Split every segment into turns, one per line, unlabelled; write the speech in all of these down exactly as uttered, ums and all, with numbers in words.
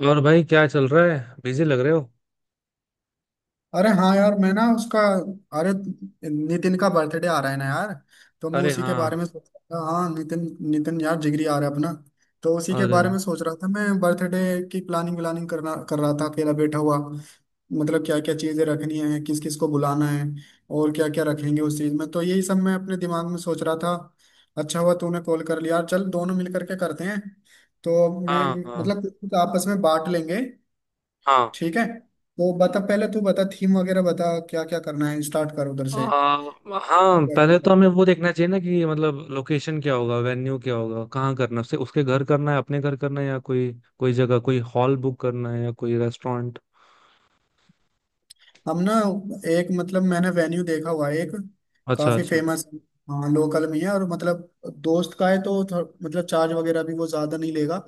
और भाई क्या चल रहा है, बिजी लग रहे हो?
अरे हाँ यार मैं ना उसका अरे, नितिन का बर्थडे आ रहा है ना यार। तो मैं
अरे
उसी के
हाँ।
बारे में सोच रहा था। हाँ नितिन, नितिन यार जिगरी आ रहा है अपना। तो उसी के
अरे
बारे में सोच रहा था मैं, बर्थडे की प्लानिंग व्लानिंग करना कर रहा था अकेला बैठा हुआ। मतलब क्या क्या चीजें रखनी है, किस किस को बुलाना है और क्या क्या रखेंगे उस चीज में, तो यही सब मैं अपने दिमाग में सोच रहा था। अच्छा हुआ तूने कॉल कर लिया यार, चल दोनों मिल करके करते हैं। तो मैं
हाँ, हाँ
मतलब कुछ कुछ आपस में बांट लेंगे।
हाँ।
ठीक है, तो बता, पहले तू बता, थीम वगैरह बता, क्या क्या करना है, स्टार्ट कर उधर से।
आ, हाँ,
क्या क्या
पहले तो
कर
हमें वो देखना चाहिए ना कि मतलब लोकेशन क्या होगा, वेन्यू क्या होगा, कहाँ करना है, उसे उसके घर करना है, अपने घर करना है, या कोई कोई जगह, कोई हॉल बुक करना है, या कोई रेस्टोरेंट।
हम ना एक, मतलब मैंने वेन्यू देखा हुआ है एक,
अच्छा,
काफी
अच्छा।
फेमस। हाँ लोकल में है और मतलब दोस्त का है तो थो- मतलब चार्ज वगैरह भी वो ज्यादा नहीं लेगा,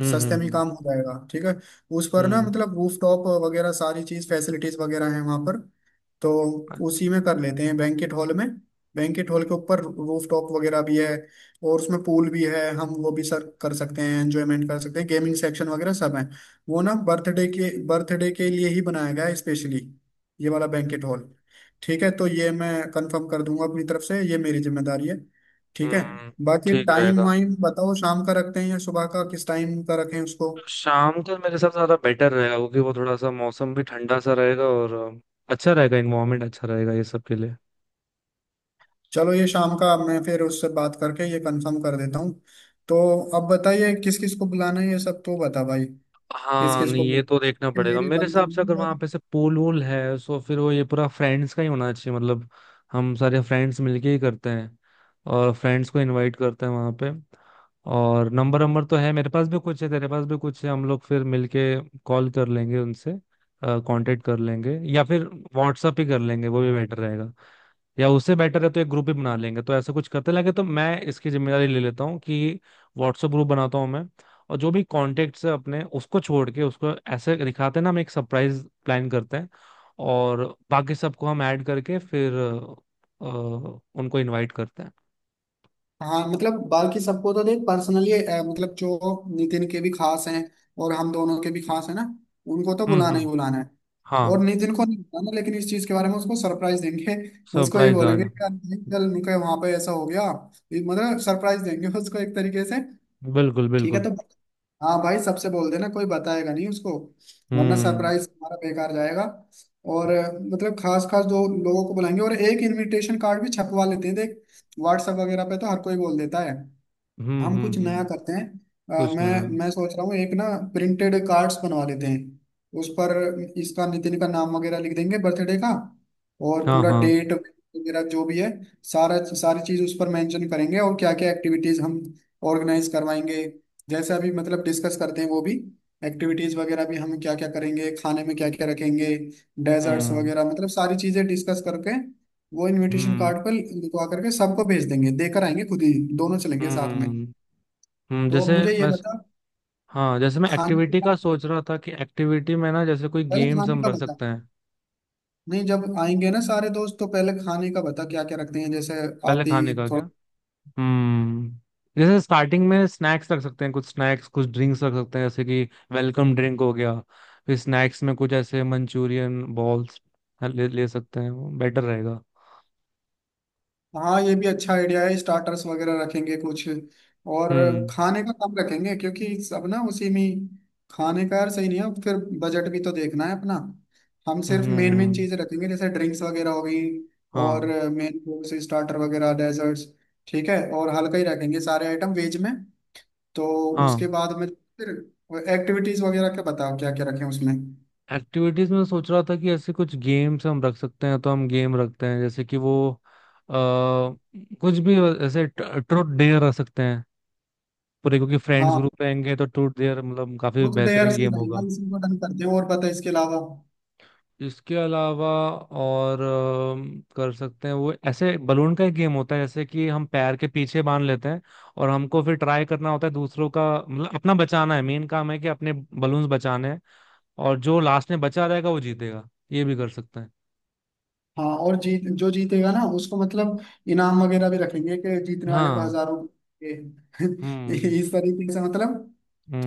हम्म,
सस्ते में ही
हम्म,
काम हो जाएगा। ठीक है, उस पर ना
हम्म,
मतलब रूफ टॉप वगैरह सारी चीज फैसिलिटीज वगैरह है वहाँ पर, तो
हम्म,
उसी में कर लेते हैं, बैंकेट हॉल में। बैंकेट हॉल के ऊपर रूफ टॉप वगैरह भी है, और उसमें पूल भी है, हम वो भी सर कर सकते हैं, एंजॉयमेंट कर सकते हैं, गेमिंग सेक्शन वगैरह सब है। वो ना बर्थडे के बर्थडे के लिए ही बनाया गया है स्पेशली, ये वाला बैंकेट हॉल। ठीक है, तो ये मैं कंफर्म कर दूंगा अपनी तरफ से, ये मेरी जिम्मेदारी है। ठीक है,
हम्म।
बाकी
ठीक
टाइम
रहेगा।
वाइम बताओ, शाम का रखते हैं या सुबह का, किस टाइम का रखें उसको।
शाम का मेरे हिसाब से ज़्यादा बेटर रहेगा, क्योंकि वो थोड़ा सा मौसम भी ठंडा सा रहेगा, और अ, अच्छा रहेगा, इन्वायरमेंट अच्छा रहेगा ये सब के लिए।
चलो ये शाम का, मैं फिर उससे बात करके ये कंफर्म कर देता हूँ। तो अब बताइए किस किस को बुलाना है, ये सब तो बता भाई। किस
हाँ,
किस को
नहीं ये
बुला-
तो देखना
कि
पड़ेगा,
मेरी
मेरे
बनती
हिसाब से
नहीं
अगर वहां
बात।
पे से पूल वूल है, सो फिर वो ये पूरा फ्रेंड्स का ही होना चाहिए, मतलब हम सारे फ्रेंड्स मिलके ही करते हैं, और फ्रेंड्स को इनवाइट करते हैं वहां पे। और नंबर नंबर तो है, मेरे पास भी कुछ है, तेरे पास भी कुछ है, हम लोग फिर मिलके कॉल कर लेंगे उनसे, कांटेक्ट कर लेंगे, या फिर व्हाट्सअप ही कर लेंगे, वो भी बेटर रहेगा। या उससे बेटर है तो एक ग्रुप ही बना लेंगे, तो ऐसा कुछ करते लगे तो मैं इसकी जिम्मेदारी ले लेता हूँ कि व्हाट्सएप ग्रुप बनाता हूँ मैं, और जो भी कॉन्टेक्ट्स है अपने, उसको छोड़ के, उसको ऐसे दिखाते हैं ना, हम एक सरप्राइज प्लान करते हैं, और बाकी सबको हम ऐड करके फिर अ, उनको इनवाइट करते हैं।
हाँ मतलब बाकी सबको तो देख पर्सनली, मतलब जो नितिन के भी खास हैं और हम दोनों के भी खास है ना, उनको तो
हम्म,
बुलाना ही
हम्म,
बुलाना है। और
हाँ।
नितिन को नहीं बुलाना, लेकिन इस चीज के बारे में उसको सरप्राइज देंगे। उसको ये
सरप्राइज आ
बोलेंगे
जाए।
कि यार नितिन, चल उनके वहां पे ऐसा हो गया, ये मतलब सरप्राइज देंगे उसको एक तरीके से।
बिल्कुल,
ठीक है,
बिल्कुल।
तो हाँ भाई सबसे बोल देना, कोई बताएगा नहीं उसको, वरना
हम्म,
सरप्राइज हमारा बेकार जाएगा। और अ, मतलब खास खास दो लोगों को बुलाएंगे, और एक इनविटेशन कार्ड भी छपवा लेते हैं देख। व्हाट्सएप वगैरह पे तो हर कोई बोल देता है,
हम्म,
हम
हम्म,
कुछ नया
हम्म,
करते हैं। अ,
कुछ नया।
मैं मैं सोच रहा हूँ एक ना, प्रिंटेड कार्ड्स बनवा लेते हैं। उस पर इसका, नितिन का नाम वगैरह लिख देंगे, बर्थडे का और
हाँ,
पूरा
हाँ।
डेट वगैरह जो भी है, सारा सारी चीज उस पर मेंशन करेंगे। और क्या क्या एक्टिविटीज हम ऑर्गेनाइज करवाएंगे, जैसे अभी मतलब डिस्कस करते हैं वो भी, एक्टिविटीज वगैरह भी हम क्या क्या करेंगे, खाने में क्या क्या रखेंगे, डेजर्ट्स
हम्म,
वगैरह, मतलब सारी चीजें डिस्कस करके वो इनविटेशन
हम्म,
कार्ड पर लिखवा करके सबको भेज देंगे, देकर आएंगे खुद ही, दोनों चलेंगे साथ में।
हम्म, हम्म,
तो
जैसे
अब मुझे ये
मैं,
बता,
हाँ, जैसे मैं
खाने के
एक्टिविटी का
बाद,
सोच रहा था कि एक्टिविटी में ना जैसे कोई
पहले
गेम्स
खाने
हम
का
रख
बता।
सकते हैं।
नहीं, जब आएंगे ना सारे दोस्त, तो पहले खाने का बता क्या क्या रखते हैं, जैसे
पहले
आप
खाने
ही
का क्या?
थोड़ा।
हम्म, जैसे स्टार्टिंग में स्नैक्स रख सकते हैं, कुछ स्नैक्स, कुछ ड्रिंक्स रख सकते हैं, जैसे कि वेलकम ड्रिंक हो गया। फिर स्नैक्स में कुछ ऐसे मंचूरियन बॉल्स ले, ले सकते हैं, वो बेटर रहेगा।
हाँ, ये भी अच्छा आइडिया है, स्टार्टर्स वगैरह रखेंगे कुछ, और
हम्म,
खाने का कम रखेंगे क्योंकि सब ना उसी में ही- खाने का यार सही नहीं है फिर, बजट भी तो देखना है अपना। हम सिर्फ मेन मेन
हम्म,
चीजें रखेंगे, जैसे ड्रिंक्स वगैरह हो गई, और
हाँ,
मेन कोर्स, स्टार्टर वगैरह, डेजर्ट्स। ठीक है, और हल्का ही रखेंगे सारे आइटम, वेज में। तो
हाँ।
उसके बाद में फिर एक्टिविटीज वगैरह का बताओ क्या क्या रखें उसमें।
एक्टिविटीज में सोच रहा था कि ऐसे कुछ गेम्स हम रख सकते हैं, तो हम गेम रखते हैं, जैसे कि वो आ, कुछ भी, ऐसे ट्रूथ डेयर रख सकते हैं पूरे, क्योंकि फ्रेंड्स
हाँ,
ग्रुप रहेंगे तो ट्रूथ डेयर मतलब काफी
बुक डेयर
बेहतरीन
से ही
गेम
रहेगा,
होगा।
इसी को डन करते हैं, और बता इसके अलावा।
इसके अलावा, और अम, कर सकते हैं वो ऐसे बलून का एक गेम होता है, जैसे कि हम पैर के पीछे बांध लेते हैं, और हमको फिर ट्राई करना होता है दूसरों का, मतलब अपना बचाना है, मेन काम है कि अपने बलून्स बचाने हैं, और जो लास्ट में बचा रहेगा वो जीतेगा, ये भी कर सकते हैं।
हाँ और जीत, जो जीतेगा ना उसको मतलब इनाम वगैरह भी रखेंगे, कि जीतने वाले को
हाँ,
हजारों के
हम्म,
इस तरीके से मतलब,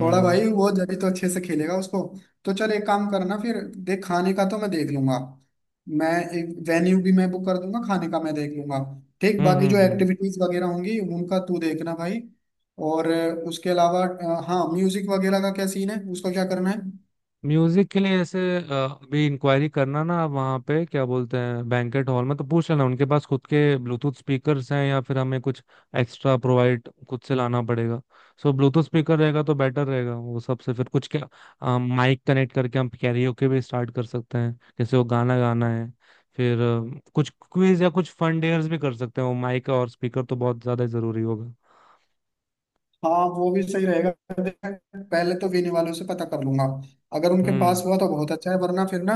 थोड़ा भाई वो जब तो अच्छे से खेलेगा उसको। तो चल एक काम करना फिर, देख खाने का तो मैं देख लूंगा, मैं एक वेन्यू भी मैं बुक कर दूंगा, खाने का मैं देख लूंगा, ठीक।
हम्म,
बाकी जो
हम्म, हम्म।
एक्टिविटीज वगैरह होंगी उनका तू देखना भाई। और अ, उसके अलावा अ, हाँ म्यूजिक वगैरह का क्या सीन है, उसका क्या करना है।
म्यूजिक के लिए ऐसे अ, अभी इंक्वायरी करना ना, आप वहाँ पे क्या बोलते हैं, बैंकेट हॉल में तो पूछ लेना उनके पास खुद के ब्लूटूथ स्पीकर्स हैं, या फिर हमें कुछ एक्स्ट्रा प्रोवाइड खुद से लाना पड़ेगा। सो ब्लूटूथ स्पीकर रहेगा तो बेटर रहेगा वो सबसे, फिर कुछ क्या माइक कनेक्ट करके हम कैरियोके भी स्टार्ट कर सकते हैं, जैसे वो गाना गाना है। फिर अ, कुछ क्विज या कुछ फन डेयर्स भी कर सकते हैं, वो माइक और स्पीकर तो बहुत ज्यादा जरूरी होगा।
हाँ वो भी सही रहेगा, देख, पहले तो वेन्यू वालों से पता कर लूंगा, अगर उनके
हम्म।
पास हुआ तो बहुत अच्छा है, वरना फिर ना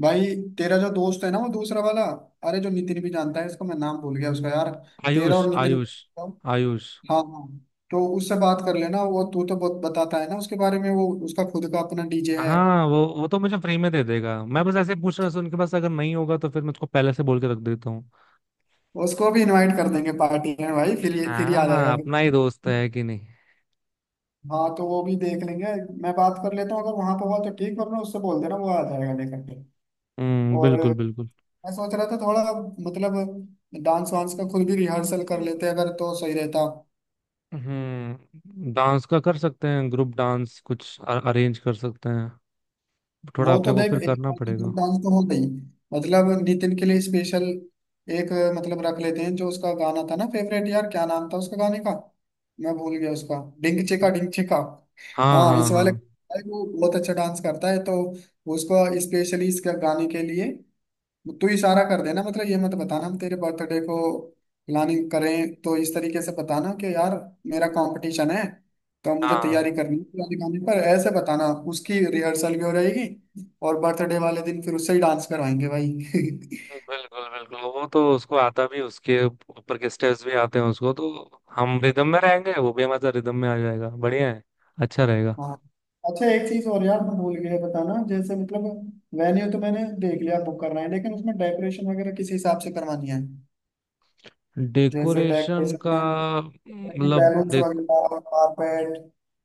भाई, तेरा जो दोस्त है ना वो दूसरा वाला, अरे जो नितिन भी जानता है इसको, मैं नाम भूल गया उसका यार, तेरा
आयुष,
और नितिन
आयुष।
को-,
आयुष।
हाँ हाँ, तो उससे बात कर लेना, वो तू तो बहुत बताता है ना उसके बारे में, वो उसका खुद का अपना डीजे है।
हाँ, वो वो तो मुझे फ्री में दे देगा, मैं बस ऐसे ही पूछ रहा था उनके पास, अगर नहीं होगा तो फिर मैं उसको पहले से बोल के रख देता हूँ।
उसको भी इनवाइट कर देंगे पार्टी में भाई, फिर ये फिर ये आ
हाँ,
जाएगा
अपना ही
फिर।
दोस्त है कि नहीं।
हाँ तो वो भी देख लेंगे, मैं बात कर लेता हूँ, अगर वहां पर हुआ तो ठीक, वरना उससे बोल देना वो आ जाएगा लेकर के।
हम्म,
और
बिल्कुल,
मैं
बिल्कुल।
सोच रहा था थोड़ा, मतलब डांस वांस का खुद भी रिहर्सल कर
हम्म,
लेते अगर तो सही रहता।
हम्म, डांस का कर सकते हैं, ग्रुप डांस कुछ अरेंज कर सकते हैं, थोड़ा
वो
अपने
तो
को
देख,
फिर
एक
करना
बार तो
पड़ेगा।
ग्रुप डांस तो हो गई, मतलब नितिन के लिए स्पेशल एक मतलब रख लेते हैं, जो उसका गाना था ना फेवरेट, यार क्या नाम था उसका गाने का, मैं भूल गया उसका, डिंग चिका डिंग चिका।
हाँ,
हाँ
हाँ,
इस वाले,
हाँ,
भाई वो बहुत अच्छा डांस करता है, तो उसको स्पेशली इस गाने के लिए तू इशारा कर देना, मतलब ये मत बताना हम तेरे बर्थडे को प्लानिंग करें, तो इस तरीके से बताना कि यार मेरा कंपटीशन है, तो मुझे
हाँ।
तैयारी करनी है, गाने गाने पर ऐसे बताना। उसकी रिहर्सल भी हो जाएगी, और बर्थडे वाले दिन फिर उससे ही डांस करवाएंगे भाई।
बिल्कुल, बिल्कुल, वो तो उसको आता भी, उसके ऊपर के स्टेप्स भी आते हैं उसको, तो हम रिदम में रहेंगे, वो भी हमारे रिदम में आ जाएगा, बढ़िया है, अच्छा रहेगा।
हाँ, अच्छा एक चीज और यार मैं भूल गया बताना, जैसे मतलब वेन्यू तो मैंने देख लिया, बुक करना है, लेकिन उसमें डेकोरेशन वगैरह किस हिसाब से करवानी है। जैसे
डेकोरेशन
डेकोरेशन
का?
में भी
मतलब,
बैलून्स वगैरह और कारपेट,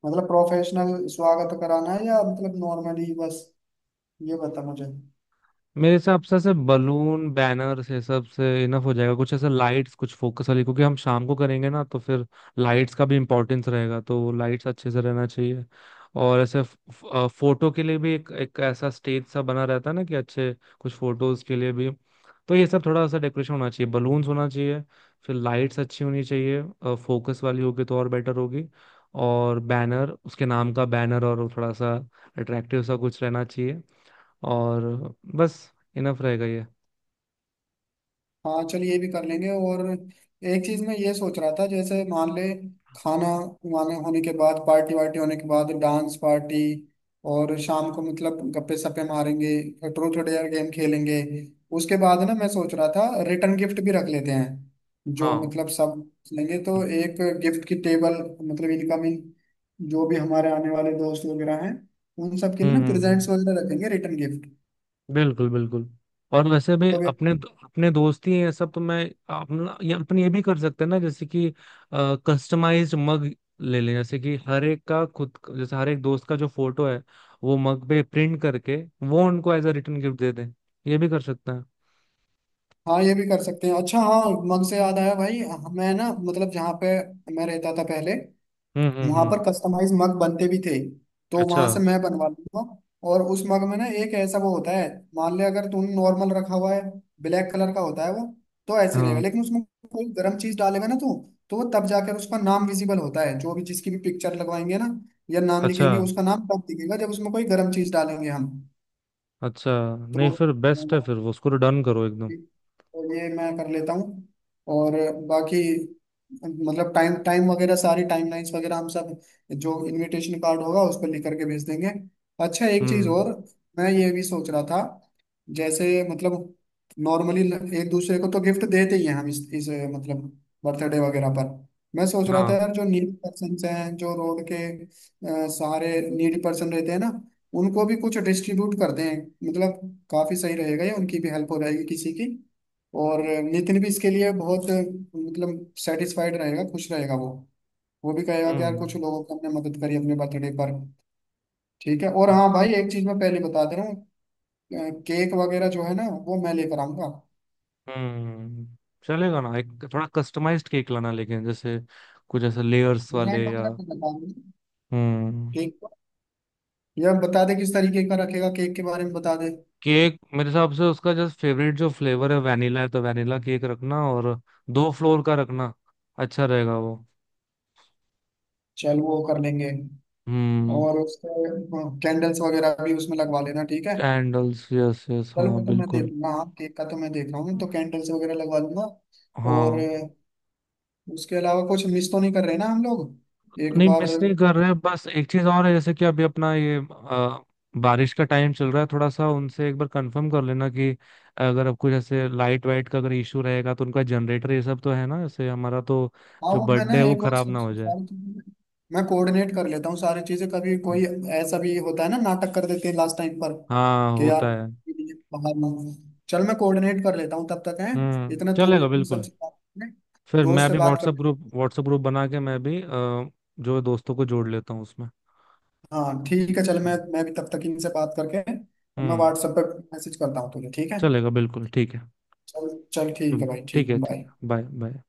मतलब प्रोफेशनल स्वागत कराना है या मतलब नॉर्मली बस, ये बता मुझे।
मेरे हिसाब से ऐसे बलून बैनर्स ये सब से इनफ हो जाएगा, कुछ ऐसे लाइट्स, कुछ फोकस वाली, क्योंकि हम शाम को करेंगे ना, तो फिर लाइट्स का भी इम्पोर्टेंस रहेगा, तो लाइट्स अच्छे से रहना चाहिए। और ऐसे फोटो के लिए भी एक एक ऐसा स्टेज सा बना रहता है ना कि अच्छे कुछ फोटोज के लिए भी, तो ये सब थोड़ा सा डेकोरेशन होना चाहिए, बलून्स होना चाहिए, फिर लाइट्स अच्छी होनी चाहिए, फोकस वाली होगी तो और बेटर होगी। और बैनर, उसके नाम का बैनर, और वो थोड़ा सा अट्रैक्टिव सा कुछ रहना चाहिए, और बस, इनफ रहेगा ये।
हाँ चलिए ये भी कर लेंगे, और एक चीज मैं ये सोच रहा था, जैसे मान ले, खाना वाना होने के बाद, पार्टी वार्टी होने के बाद, डांस पार्टी, और शाम को मतलब गप्पे सप्पे मारेंगे, ट्रूथ और डेयर गेम खेलेंगे। उसके बाद ना मैं सोच रहा था रिटर्न गिफ्ट भी रख लेते हैं, जो
हाँ।
मतलब सब लेंगे, तो एक गिफ्ट की टेबल, मतलब इनकमिंग जो भी हमारे आने वाले दोस्त वगैरह हैं, उन सब के लिए
हम्म,
ना
हम्म, हम्म।
प्रेजेंट्स वगैरह रखेंगे, रिटर्न
बिल्कुल, बिल्कुल। और वैसे भी
गिफ्ट।
अपने अपने दोस्त ही ये सब, तो मैं अपना ये अपन ये भी कर सकते हैं ना, जैसे कि कस्टमाइज्ड मग ले लें, जैसे कि हर एक का खुद का- जैसे हर एक दोस्त का जो फोटो है वो मग पे प्रिंट करके वो उनको एज अ रिटर्न गिफ्ट दे दें, ये भी कर सकते हैं।
हाँ ये भी कर सकते हैं अच्छा, हाँ मग से याद आया भाई, मैं ना मतलब जहाँ पे मैं रहता था पहले,
हम्म, हम्म,
वहां
हम्म,
पर कस्टमाइज मग बनते भी थे, तो
अच्छा,
वहां से मैं बनवा लूंगा। और उस मग में ना एक ऐसा वो होता है, मान ले अगर तूने नॉर्मल रखा हुआ है, ब्लैक कलर का होता है वो, तो ऐसे रहेगा,
हाँ।
लेकिन उसमें कोई गर्म चीज डालेगा ना तू, तो वो तब जाकर उसका नाम विजिबल होता है, जो भी जिसकी भी पिक्चर लगवाएंगे ना या नाम
अच्छा,
लिखेंगे, उसका नाम तब दिखेगा जब उसमें कोई गर्म चीज डालेंगे हम।
अच्छा, नहीं
तो
फिर बेस्ट है, फिर वो उसको डन करो एकदम।
तो ये मैं कर लेता हूँ, और बाकी मतलब टाइम टाइम वगैरह, सारी टाइमलाइंस वगैरह हम सब जो इनविटेशन कार्ड होगा उस पर लिख करके भेज देंगे। अच्छा एक चीज़
हम्म,
और, मैं ये भी सोच रहा था, जैसे मतलब नॉर्मली एक दूसरे को तो गिफ्ट देते ही हैं हम इस, इस मतलब बर्थडे वगैरह पर। मैं सोच रहा था
हाँ,
यार, जो नीड पर्सन हैं जो रोड के, अ, सारे नीड पर्सन रहते हैं ना, उनको भी कुछ डिस्ट्रीब्यूट कर दें, मतलब काफी सही रहेगा ये, उनकी भी हेल्प हो जाएगी किसी की। और नितिन भी इसके लिए बहुत मतलब सेटिस्फाइड रहेगा, खुश रहेगा वो वो भी कहेगा कि यार कुछ
हम्म,
लोगों को हमने मदद करी अपने बर्थडे पर। ठीक है, और हाँ भाई एक चीज मैं पहले बता दे रहा हूँ, अ, केक वगैरह जो है ना वो मैं लेकर आऊंगा।
हम्म, चलेगा ना, एक थोड़ा कस्टमाइज्ड केक लाना, लेकिन जैसे कुछ ऐसे लेयर्स
डिजाइन
वाले, या
वगैरह तो बता दें
हम्म,
केक का। या बता दे किस तरीके का रखेगा, केक के बारे में बता दे।
केक मेरे हिसाब से उसका जस्ट फेवरेट जो फ्लेवर है वैनिला है, तो वैनिला केक रखना, और दो फ्लोर का रखना, अच्छा रहेगा वो।
चल वो कर लेंगे,
हम्म,
और उसके कैंडल्स वगैरह भी उसमें लगवा लेना, ठीक है।
कैंडल्स, यस, यस,
चलो,
हाँ,
मैं तो मैं
बिल्कुल।
देखूंगा, हाँ केक का तो मैं देख रहा हूँ, तो कैंडल्स वगैरह लगवा लूंगा। और
हाँ,
अ, उसके अलावा कुछ मिस तो नहीं कर रहे ना हम लोग एक
नहीं
बार।
मिस नहीं कर रहे, बस एक चीज और है, जैसे कि अभी अपना ये अ, बारिश का टाइम चल रहा है, थोड़ा सा उनसे एक बार कंफर्म कर लेना कि अगर आपको जैसे लाइट वाइट का अगर इशू रहेगा, तो उनका जनरेटर ये सब तो है ना, जैसे हमारा तो
हाँ
जो
वो मैं ना
बर्थडे है वो
एक बार
खराब ना
सब
हो जाए।
सारी चीजें मैं कोऑर्डिनेट कर लेता हूँ, सारी चीजें कभी कोई ऐसा भी होता है ना, नाटक कर देते हैं लास्ट टाइम पर,
हाँ,
कि यार
होता है।
ये बाहर ना हो। चल मैं कोऑर्डिनेट कर लेता हूँ तब तक है,
हम्म,
इतना तू
चलेगा
भी अपनी
बिल्कुल।
सबसे बात कर ले,
फिर
दोस्त
मैं
से
भी
बात
व्हाट्सएप
कर।
ग्रुप व्हाट्सएप ग्रुप बना के मैं भी अ, जो दोस्तों को जोड़ लेता हूँ उसमें।
हाँ ठीक है, चल मैं मैं भी तब तक इनसे बात करके, अब मैं
हम्म,
व्हाट्सएप पे मैसेज करता हूँ तुझे, ठीक है।
चलेगा बिल्कुल, ठीक है।
चल चल ठीक
चलो,
है भाई,
ठीक
ठीक
है, ठीक
बाय।
है, बाय बाय।